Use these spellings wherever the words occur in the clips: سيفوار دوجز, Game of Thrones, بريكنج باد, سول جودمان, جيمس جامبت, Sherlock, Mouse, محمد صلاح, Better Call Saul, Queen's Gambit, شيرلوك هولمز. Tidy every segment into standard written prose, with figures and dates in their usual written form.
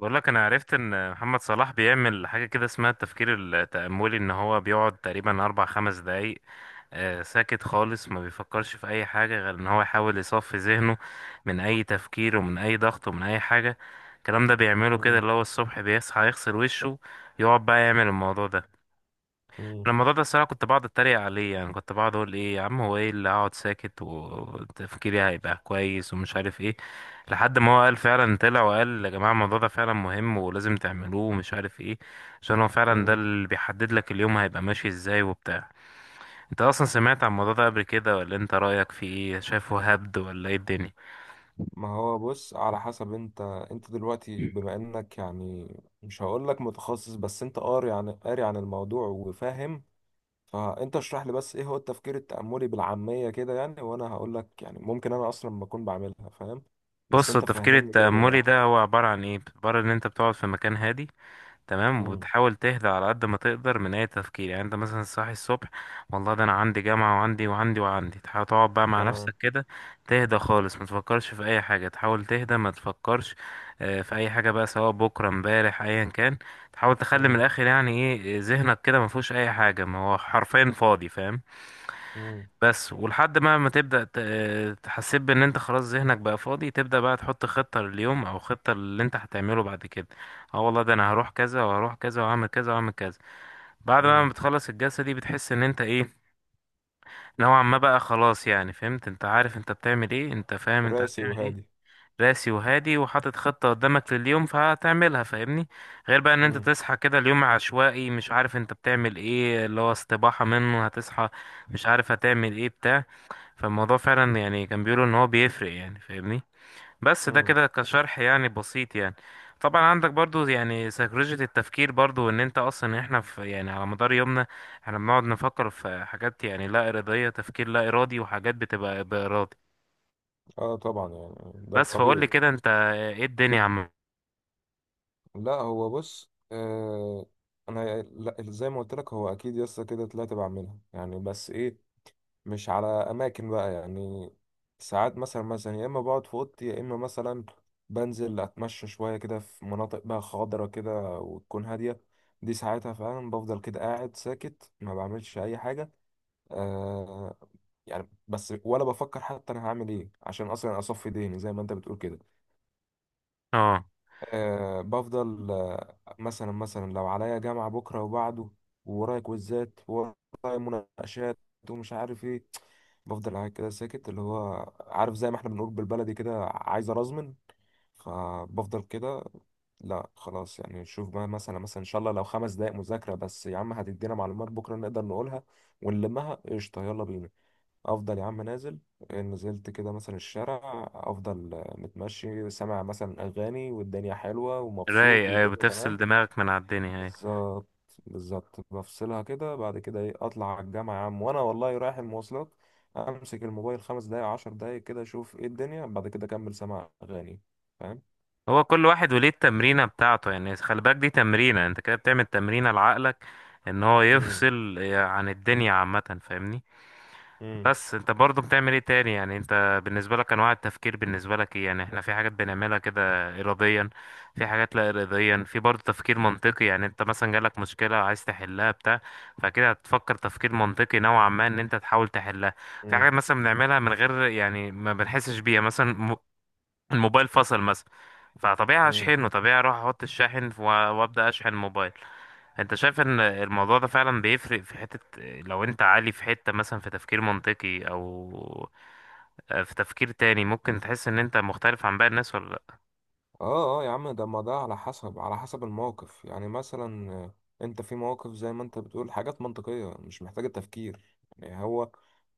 بقول لك انا عرفت ان محمد صلاح بيعمل حاجه كده اسمها التفكير التأملي، ان هو بيقعد تقريبا اربع خمس دقايق ساكت خالص، ما بيفكرش في اي حاجه غير ان هو يحاول يصفي ذهنه من اي تفكير ومن اي ضغط ومن اي حاجه. الكلام ده بيعمله كده، مم. اللي هو الصبح بيصحى يغسل وشه، يقعد بقى يعمل الموضوع ده. مم. انا الموضوع ده الصراحه كنت بقعد اتريق عليه، يعني كنت بقعد اقول ايه يا عم، هو ايه اللي هقعد ساكت وتفكيري هيبقى كويس ومش عارف ايه. لحد ما هو قال فعلا، طلع وقال يا جماعه الموضوع ده فعلا مهم ولازم تعملوه ومش عارف ايه، عشان هو فعلا ده مم. اللي بيحدد لك اليوم هيبقى ماشي ازاي وبتاع. انت اصلا سمعت عن الموضوع ده قبل كده، ولا انت رايك فيه ايه؟ شايفه هبد ولا ايه الدنيا؟ ما هو بص، على حسب. انت دلوقتي بما انك يعني مش هقولك متخصص، بس انت قاري عن الموضوع وفاهم. فانت اشرح لي بس، ايه هو التفكير التأملي بالعامية كده يعني، وانا هقولك يعني ممكن انا اصلا ما اكون بعملها، فاهم؟ بس بص، انت التفكير فهمني كده التأملي بالراحة. ده هو عبارة عن ايه، عبارة ان انت بتقعد في مكان هادي، تمام، مم. وبتحاول تهدى على قد ما تقدر من اي تفكير. يعني انت مثلا صاحي الصبح، والله ده انا عندي جامعة وعندي وعندي وعندي، تحاول تقعد بقى مع تمام. نفسك كده، تهدى خالص، ما تفكرش في اي حاجة، تحاول تهدى ما تفكرش في اي حاجة بقى، سواء بكرة امبارح ايا كان. تحاول تخلي من مم. الاخر يعني ايه، ذهنك كده ما فيهوش اي حاجة، ما هو حرفيا فاضي، فاهم؟ مم. بس ولحد ما تبدأ تحسب ان انت خلاص ذهنك بقى فاضي، تبدأ بقى تحط خطة لليوم او خطة اللي انت هتعمله بعد كده. اه والله ده انا هروح كذا وهروح كذا وهعمل كذا وهعمل كذا. بعد مم. ما بتخلص الجلسة دي بتحس ان انت ايه، نوعا ما بقى خلاص، يعني فهمت، انت عارف انت بتعمل ايه، انت فاهم انت راسي هتعمل ايه. وهادي. راسي وهادي وحاطط خطة قدامك لليوم، فهتعملها، فاهمني؟ غير بقى ان انت مم. تصحى كده اليوم عشوائي، مش عارف انت بتعمل ايه، اللي هو استباحة منه هتصحى مش عارف هتعمل ايه، بتاع. فالموضوع فعلا يعني كان بيقولوا ان هو بيفرق يعني، فاهمني؟ بس ده مم. كده كشرح يعني بسيط يعني. طبعا عندك برضو يعني سيكولوجية التفكير، برضو ان انت اصلا احنا في يعني على مدار يومنا احنا بنقعد نفكر في حاجات، يعني لا ارادية، تفكير لا ارادي، وحاجات بتبقى بارادي. اه طبعا، يعني ده بس فقول لي الطبيعي. كده انت، ايه الدنيا عم؟ لا هو بص، آه، انا لا، زي ما قلت لك، هو اكيد يسطا كده طلعت بعملها يعني، بس ايه، مش على اماكن بقى يعني. ساعات مثلا مثلا يا اما بقعد في اوضتي، يا اما مثلا بنزل اتمشى شويه كده في مناطق بقى خضرة كده وتكون هاديه. دي ساعتها فعلا بفضل كده قاعد ساكت، ما بعملش اي حاجه. آه يعني، بس ولا بفكر حتى انا هعمل ايه عشان اصلا اصفي ذهني زي ما انت بتقول كده. اه آه، بفضل آه مثلا مثلا لو عليا جامعة بكرة وبعده، وورايا كويزات وورايا مناقشات، ومش عارف ايه، بفضل قاعد كده ساكت، اللي هو عارف زي ما احنا بنقول بالبلدي كده، عايز ارزمن. فبفضل كده. لا خلاص يعني، شوف بقى مثلا مثلا ان شاء الله لو 5 دقايق مذاكرة بس يا عم هتدينا معلومات بكرة نقدر نقولها ونلمها، قشطة يلا بينا. افضل يا عم نازل. نزلت كده مثلا الشارع، افضل آه متمشي، سامع مثلا اغاني، والدنيا حلوه ومبسوط رايق، ايوه، والدنيا بتفصل تمام. دماغك من على الدنيا، ايوه. بالظبط. بالظبط، بفصلها كده. بعد كده ايه؟ اطلع على الجامعه يا عم، وانا والله رايح المواصلات امسك الموبايل 5 دقايق 10 دقايق كده اشوف ايه الدنيا، بعد كده اكمل سماع اغاني. فاهم؟ هو كل واحد وليه التمرينة بتاعته يعني، خلي بالك دي تمرينة، انت كده بتعمل تمرينة لعقلك ان هو امم. يفصل يعني عن الدنيا عامة، فاهمني؟ امم. بس انت برضو بتعمل ايه تاني يعني، انت بالنسبة لك انواع التفكير بالنسبة لك ايه يعني؟ احنا في حاجات بنعملها كده اراديا، في حاجات لا اراديا، في برضو تفكير منطقي. يعني انت مثلا جالك مشكلة عايز تحلها بتاع، فكده هتفكر تفكير منطقي نوعا ما ان انت تحاول تحلها. في امم. حاجات مثلا بنعملها من غير يعني ما بنحسش بيها، مثلا الموبايل فصل مثلا، فطبيعي امم. هشحنه، طبيعي اروح احط الشاحن وابدا اشحن الموبايل. انت شايف ان الموضوع ده فعلا بيفرق في حتة، لو انت عالي في حتة مثلا في تفكير منطقي او في تفكير تاني، ممكن تحس ان انت مختلف عن باقي الناس ولا لا؟ اه اه يا عم، ده ما ده على حسب، على حسب الموقف يعني. مثلا آه، انت في مواقف زي ما انت بتقول، حاجات منطقية مش محتاجة تفكير يعني. هو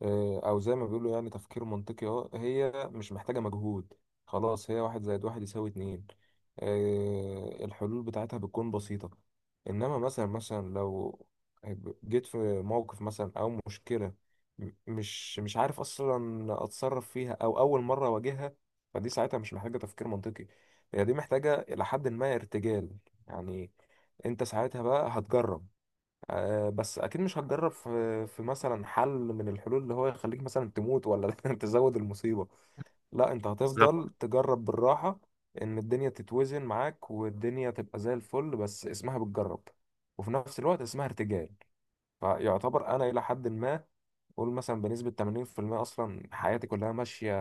آه، او زي ما بيقولوا يعني تفكير منطقي، اه هي مش محتاجة مجهود، خلاص، هي واحد زائد واحد يساوي اتنين. آه، الحلول بتاعتها بتكون بسيطة. انما مثلا مثلا لو جيت في موقف مثلا او مشكلة، مش عارف اصلا اتصرف فيها او اول مرة اواجهها، فدي ساعتها مش محتاجة تفكير منطقي، هي دي محتاجة إلى حد ما ارتجال يعني. أنت ساعتها بقى هتجرب. آه، بس أكيد مش هتجرب في مثلا حل من الحلول اللي هو يخليك مثلا تموت ولا تزود المصيبة. لا، أنت بالظبط. هتفضل تجرب بالراحة، إن الدنيا تتوزن معاك والدنيا تبقى زي الفل، بس اسمها بتجرب وفي نفس الوقت اسمها ارتجال. فيعتبر أنا إلى حد ما قول مثلا بنسبة 80% أصلا حياتي كلها ماشية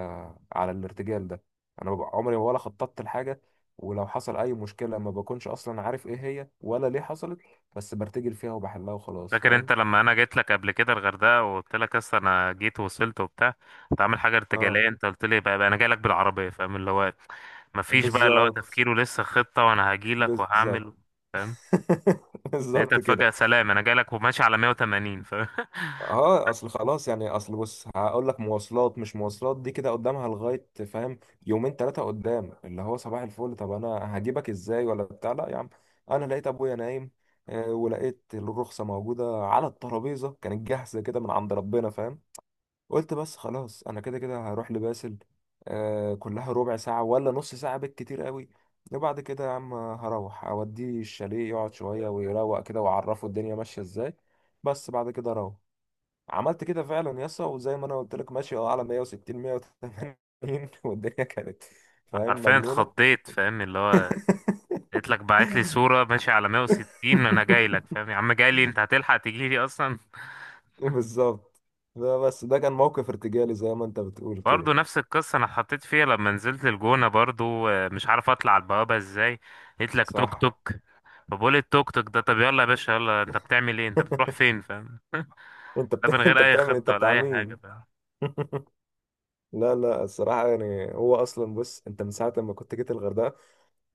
على الارتجال ده. أنا ببقى عمري ولا خططت لحاجة، ولو حصل أي مشكلة ما بكونش أصلا عارف إيه هي ولا ليه حصلت، بس برتجل فيها وبحلها وخلاص. فاكر انت فاهم؟ لما انا جيت لك قبل كده الغردقة وقلت لك اصل انا جيت ووصلت وبتاع، كنت عامل حاجة آه، ارتجالية؟ انت قلت لي بقى، انا جاي لك بالعربية، فاهم؟ اللي هو مفيش بقى اللي هو بالظبط. تفكير ولسه خطة، وانا هجي لك بالظبط. وهعمل، فاهم؟ بالظبط لقيتك كده. فجأة سلام، انا جاي لك وماشي على 180، فاهم؟ اه، اصل خلاص يعني، اصل بص هقول لك، مواصلات مش مواصلات دي كده قدامها لغايه، فاهم، يومين ثلاثه قدام، اللي هو صباح الفل طب انا هجيبك ازاي ولا بتاع، لا يا عم. انا لقيت ابويا نايم، آه، ولقيت الرخصه موجوده على الترابيزه، كانت جاهزه كده من عند ربنا، فاهم، قلت بس خلاص انا كده كده هروح لباسل، آه، كلها ربع ساعه ولا نص ساعه بالكتير قوي، وبعد كده يا عم هروح اوديه الشاليه يقعد شويه ويروق كده واعرفه الدنيا ماشيه ازاي، بس بعد كده اروح. عملت كده فعلا يسا، وزي ما انا قلت لك ماشي اه على 160 180 والدنيا كانت فاهم حرفيا مجنونة. اتخضيت، فاهم؟ اللي هو قلت لك بعت لي صورة ماشي على 160، انا جاي لك، فاهم يا عم؟ جاي لي انت، هتلحق تجي لي اصلا؟ بالظبط. ده بس ده كان موقف ارتجالي زي ما انت بتقول كده. برضو نفس القصة انا اتحطيت فيها لما نزلت الجونة برضو، مش عارف اطلع على البوابة ازاي، قلت لك توك صح. توك. فبقول التوك توك ده، طب يلا يا باشا، يلا انت بتعمل ايه؟ انت بتروح فين؟ فاهم؟ انت ده من بت... غير انت اي بتعمل، انت خطة ولا بتاع اي حاجة، مين؟ فاهم؟ لا لا، الصراحة يعني هو اصلا بص، انت من ساعة ما كنت جيت الغردقة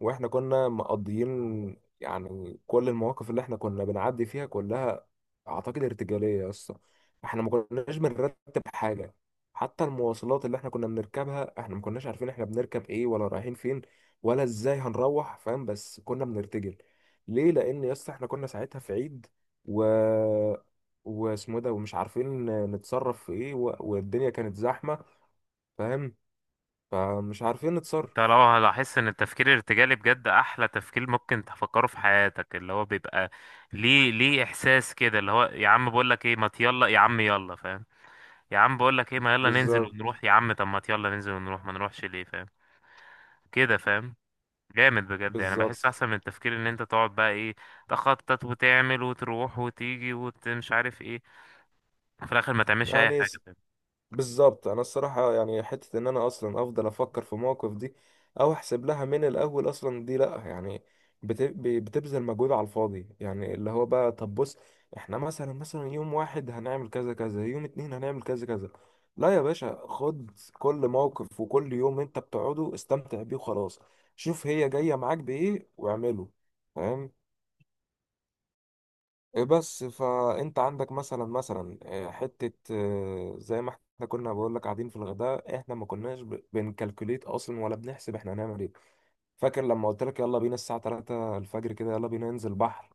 واحنا كنا مقضيين يعني، كل المواقف اللي احنا كنا بنعدي فيها كلها اعتقد ارتجاليه يا اسطى. احنا ما كناش بنرتب حاجه، حتى المواصلات اللي احنا كنا بنركبها احنا ما كناش عارفين احنا بنركب ايه ولا رايحين فين ولا ازاي هنروح، فاهم، بس كنا بنرتجل. ليه؟ لان يا اسطى احنا كنا ساعتها في عيد، و واسمه ده، ومش عارفين نتصرف في ايه، و... والدنيا كانت زحمه، فاهم، فمش عارفين انت لو نتصرف. هلاحظ ان التفكير الارتجالي بجد احلى تفكير ممكن تفكره في حياتك، اللي هو بيبقى ليه، ليه احساس كده اللي هو يا عم بقول لك ايه، ما يلا يا عم، يلا، فاهم؟ يا عم بقول لك ايه، ما يلا ننزل بالظبط. ونروح، يا عم طب ما يلا ننزل ونروح، ما نروحش ليه، فاهم كده، فاهم؟ جامد بجد يعني، بحس بالظبط. احسن من التفكير ان انت تقعد بقى ايه، تخطط وتعمل وتروح وتيجي ومش عارف ايه، في الاخر ما تعملش اي يعني حاجه، فاهم؟ بالظبط، انا الصراحه يعني حته ان انا اصلا افضل افكر في مواقف دي او احسب لها من الاول اصلا، دي لا يعني، بتبذل مجهود على الفاضي يعني، اللي هو بقى طب بص، احنا مثلا مثلا يوم واحد هنعمل كذا كذا، يوم اتنين هنعمل كذا كذا، لا يا باشا، خد كل موقف وكل يوم انت بتقعده استمتع بيه وخلاص، شوف هي جايه معاك بايه واعمله. فاهم؟ إيه بس فانت عندك مثلا مثلا آه، حته آه، زي ما احنا كنا بقول لك قاعدين في الغداء، احنا ما كناش بنكالكوليت اصلا ولا بنحسب احنا هنعمل ايه. فاكر لما قلت لك يلا بينا الساعه 3 الفجر كده، يلا بينا ننزل بحر،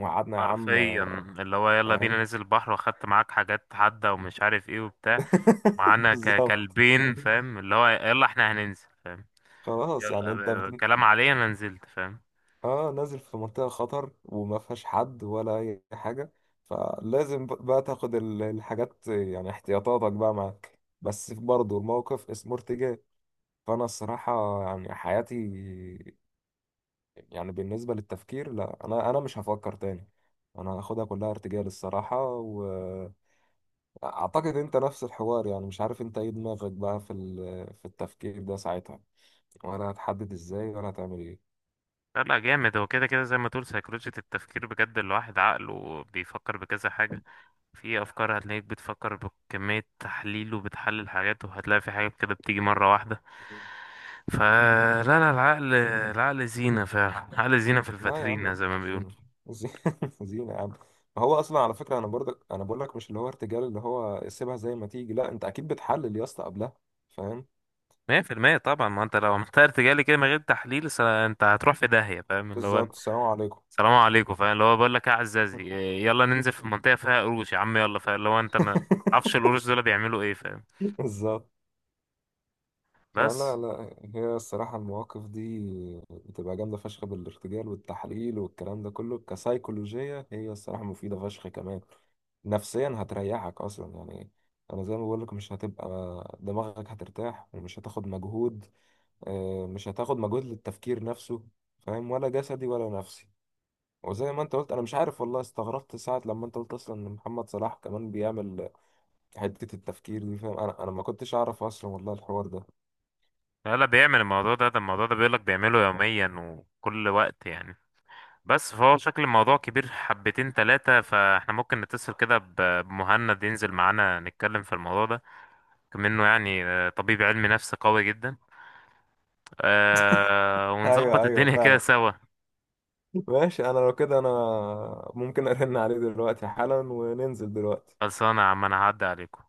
وقعدنا يا عم حرفيا آه، اللي هو يلا بينا فاهم. ننزل البحر، واخدت معاك حاجات حادة ومش عارف ايه وبتاع، ومعانا بالظبط. كلبين، فاهم؟ اللي هو يلا احنا هننزل، فاهم؟ خلاص يلا، يعني انت بت... الكلام عليا انا نزلت، فاهم؟ اه، نازل في منطقة خطر وما فيهاش حد ولا اي حاجة، فلازم بقى تاخد الحاجات يعني احتياطاتك بقى معاك، بس برضه الموقف اسمه ارتجال. فانا الصراحة يعني حياتي، يعني بالنسبة للتفكير، لا انا مش هفكر تاني، انا هاخدها كلها ارتجال الصراحة. واعتقد انت نفس الحوار يعني، مش عارف انت ايه دماغك بقى في في التفكير ده ساعتها، ولا هتحدد ازاي ولا هتعمل ايه. لا لا جامد، هو كده كده زي ما تقول سيكولوجية التفكير بجد الواحد عقله بيفكر بكذا حاجة. في افكار هتلاقيك بتفكر بكمية تحليل وبتحلل حاجات، وهتلاقي في حاجات كده بتيجي مرة واحدة. فلا لا، العقل زينة فعلا. عقل زينة في لا يا عم، الفاترينا زي ما زينة. بيقولوا. زينة زينة يا عم. ما هو اصلا على فكره انا برضك انا بقول لك، مش اللي هو ارتجال اللي هو سيبها زي ما تيجي، لا انت اكيد بتحلل يا اسطى قبلها، فاهم. 100% طبعا، ما انت لو عملت ارتجالي كده من غير تحليل انت هتروح في داهية، فاهم؟ اللي هو بالظبط. السلام عليكم. سلام عليكم، فاهم؟ اللي هو بقول لك ايه يا عزازي، يلا ننزل في منطقة فيها قروش يا عم، يلا، فاهم؟ اللي هو انت ما تعرفش القروش دول بيعملوا ايه، فاهم؟ بالظبط. فلا بس. لا، هي الصراحه المواقف دي بتبقى جامده فشخ، بالارتجال والتحليل والكلام ده كله كسيكولوجيه، هي الصراحه مفيده فشخ كمان نفسيا، هتريحك اصلا يعني. انا زي ما بقول لك، مش هتبقى، دماغك هترتاح ومش هتاخد مجهود، آه، مش هتاخد مجهود للتفكير نفسه، فاهم، ولا جسدي ولا نفسي. وزي ما انت قلت، انا مش عارف والله، استغربت ساعة لما انت قلت اصلا ان محمد صلاح كمان بيعمل حتة التفكير دي، فاهم، انا ما كنتش اعرف اصلا والله الحوار ده. لا لا، بيعمل الموضوع ده، ده الموضوع ده بيقول لك بيعمله يوميا وكل وقت يعني. بس فهو شكل الموضوع كبير حبتين تلاتة، فاحنا ممكن نتصل كده بمهند ينزل معانا نتكلم في الموضوع ده، كم انه يعني طبيب علم نفس قوي جدا، ونظبط ايوه ايوه، الدنيا كده فعلا سوا. ماشي. انا لو كده انا ممكن ارن عليه دلوقتي حالا وننزل دلوقتي. خلصانة يا عم، انا هعدي عليكم.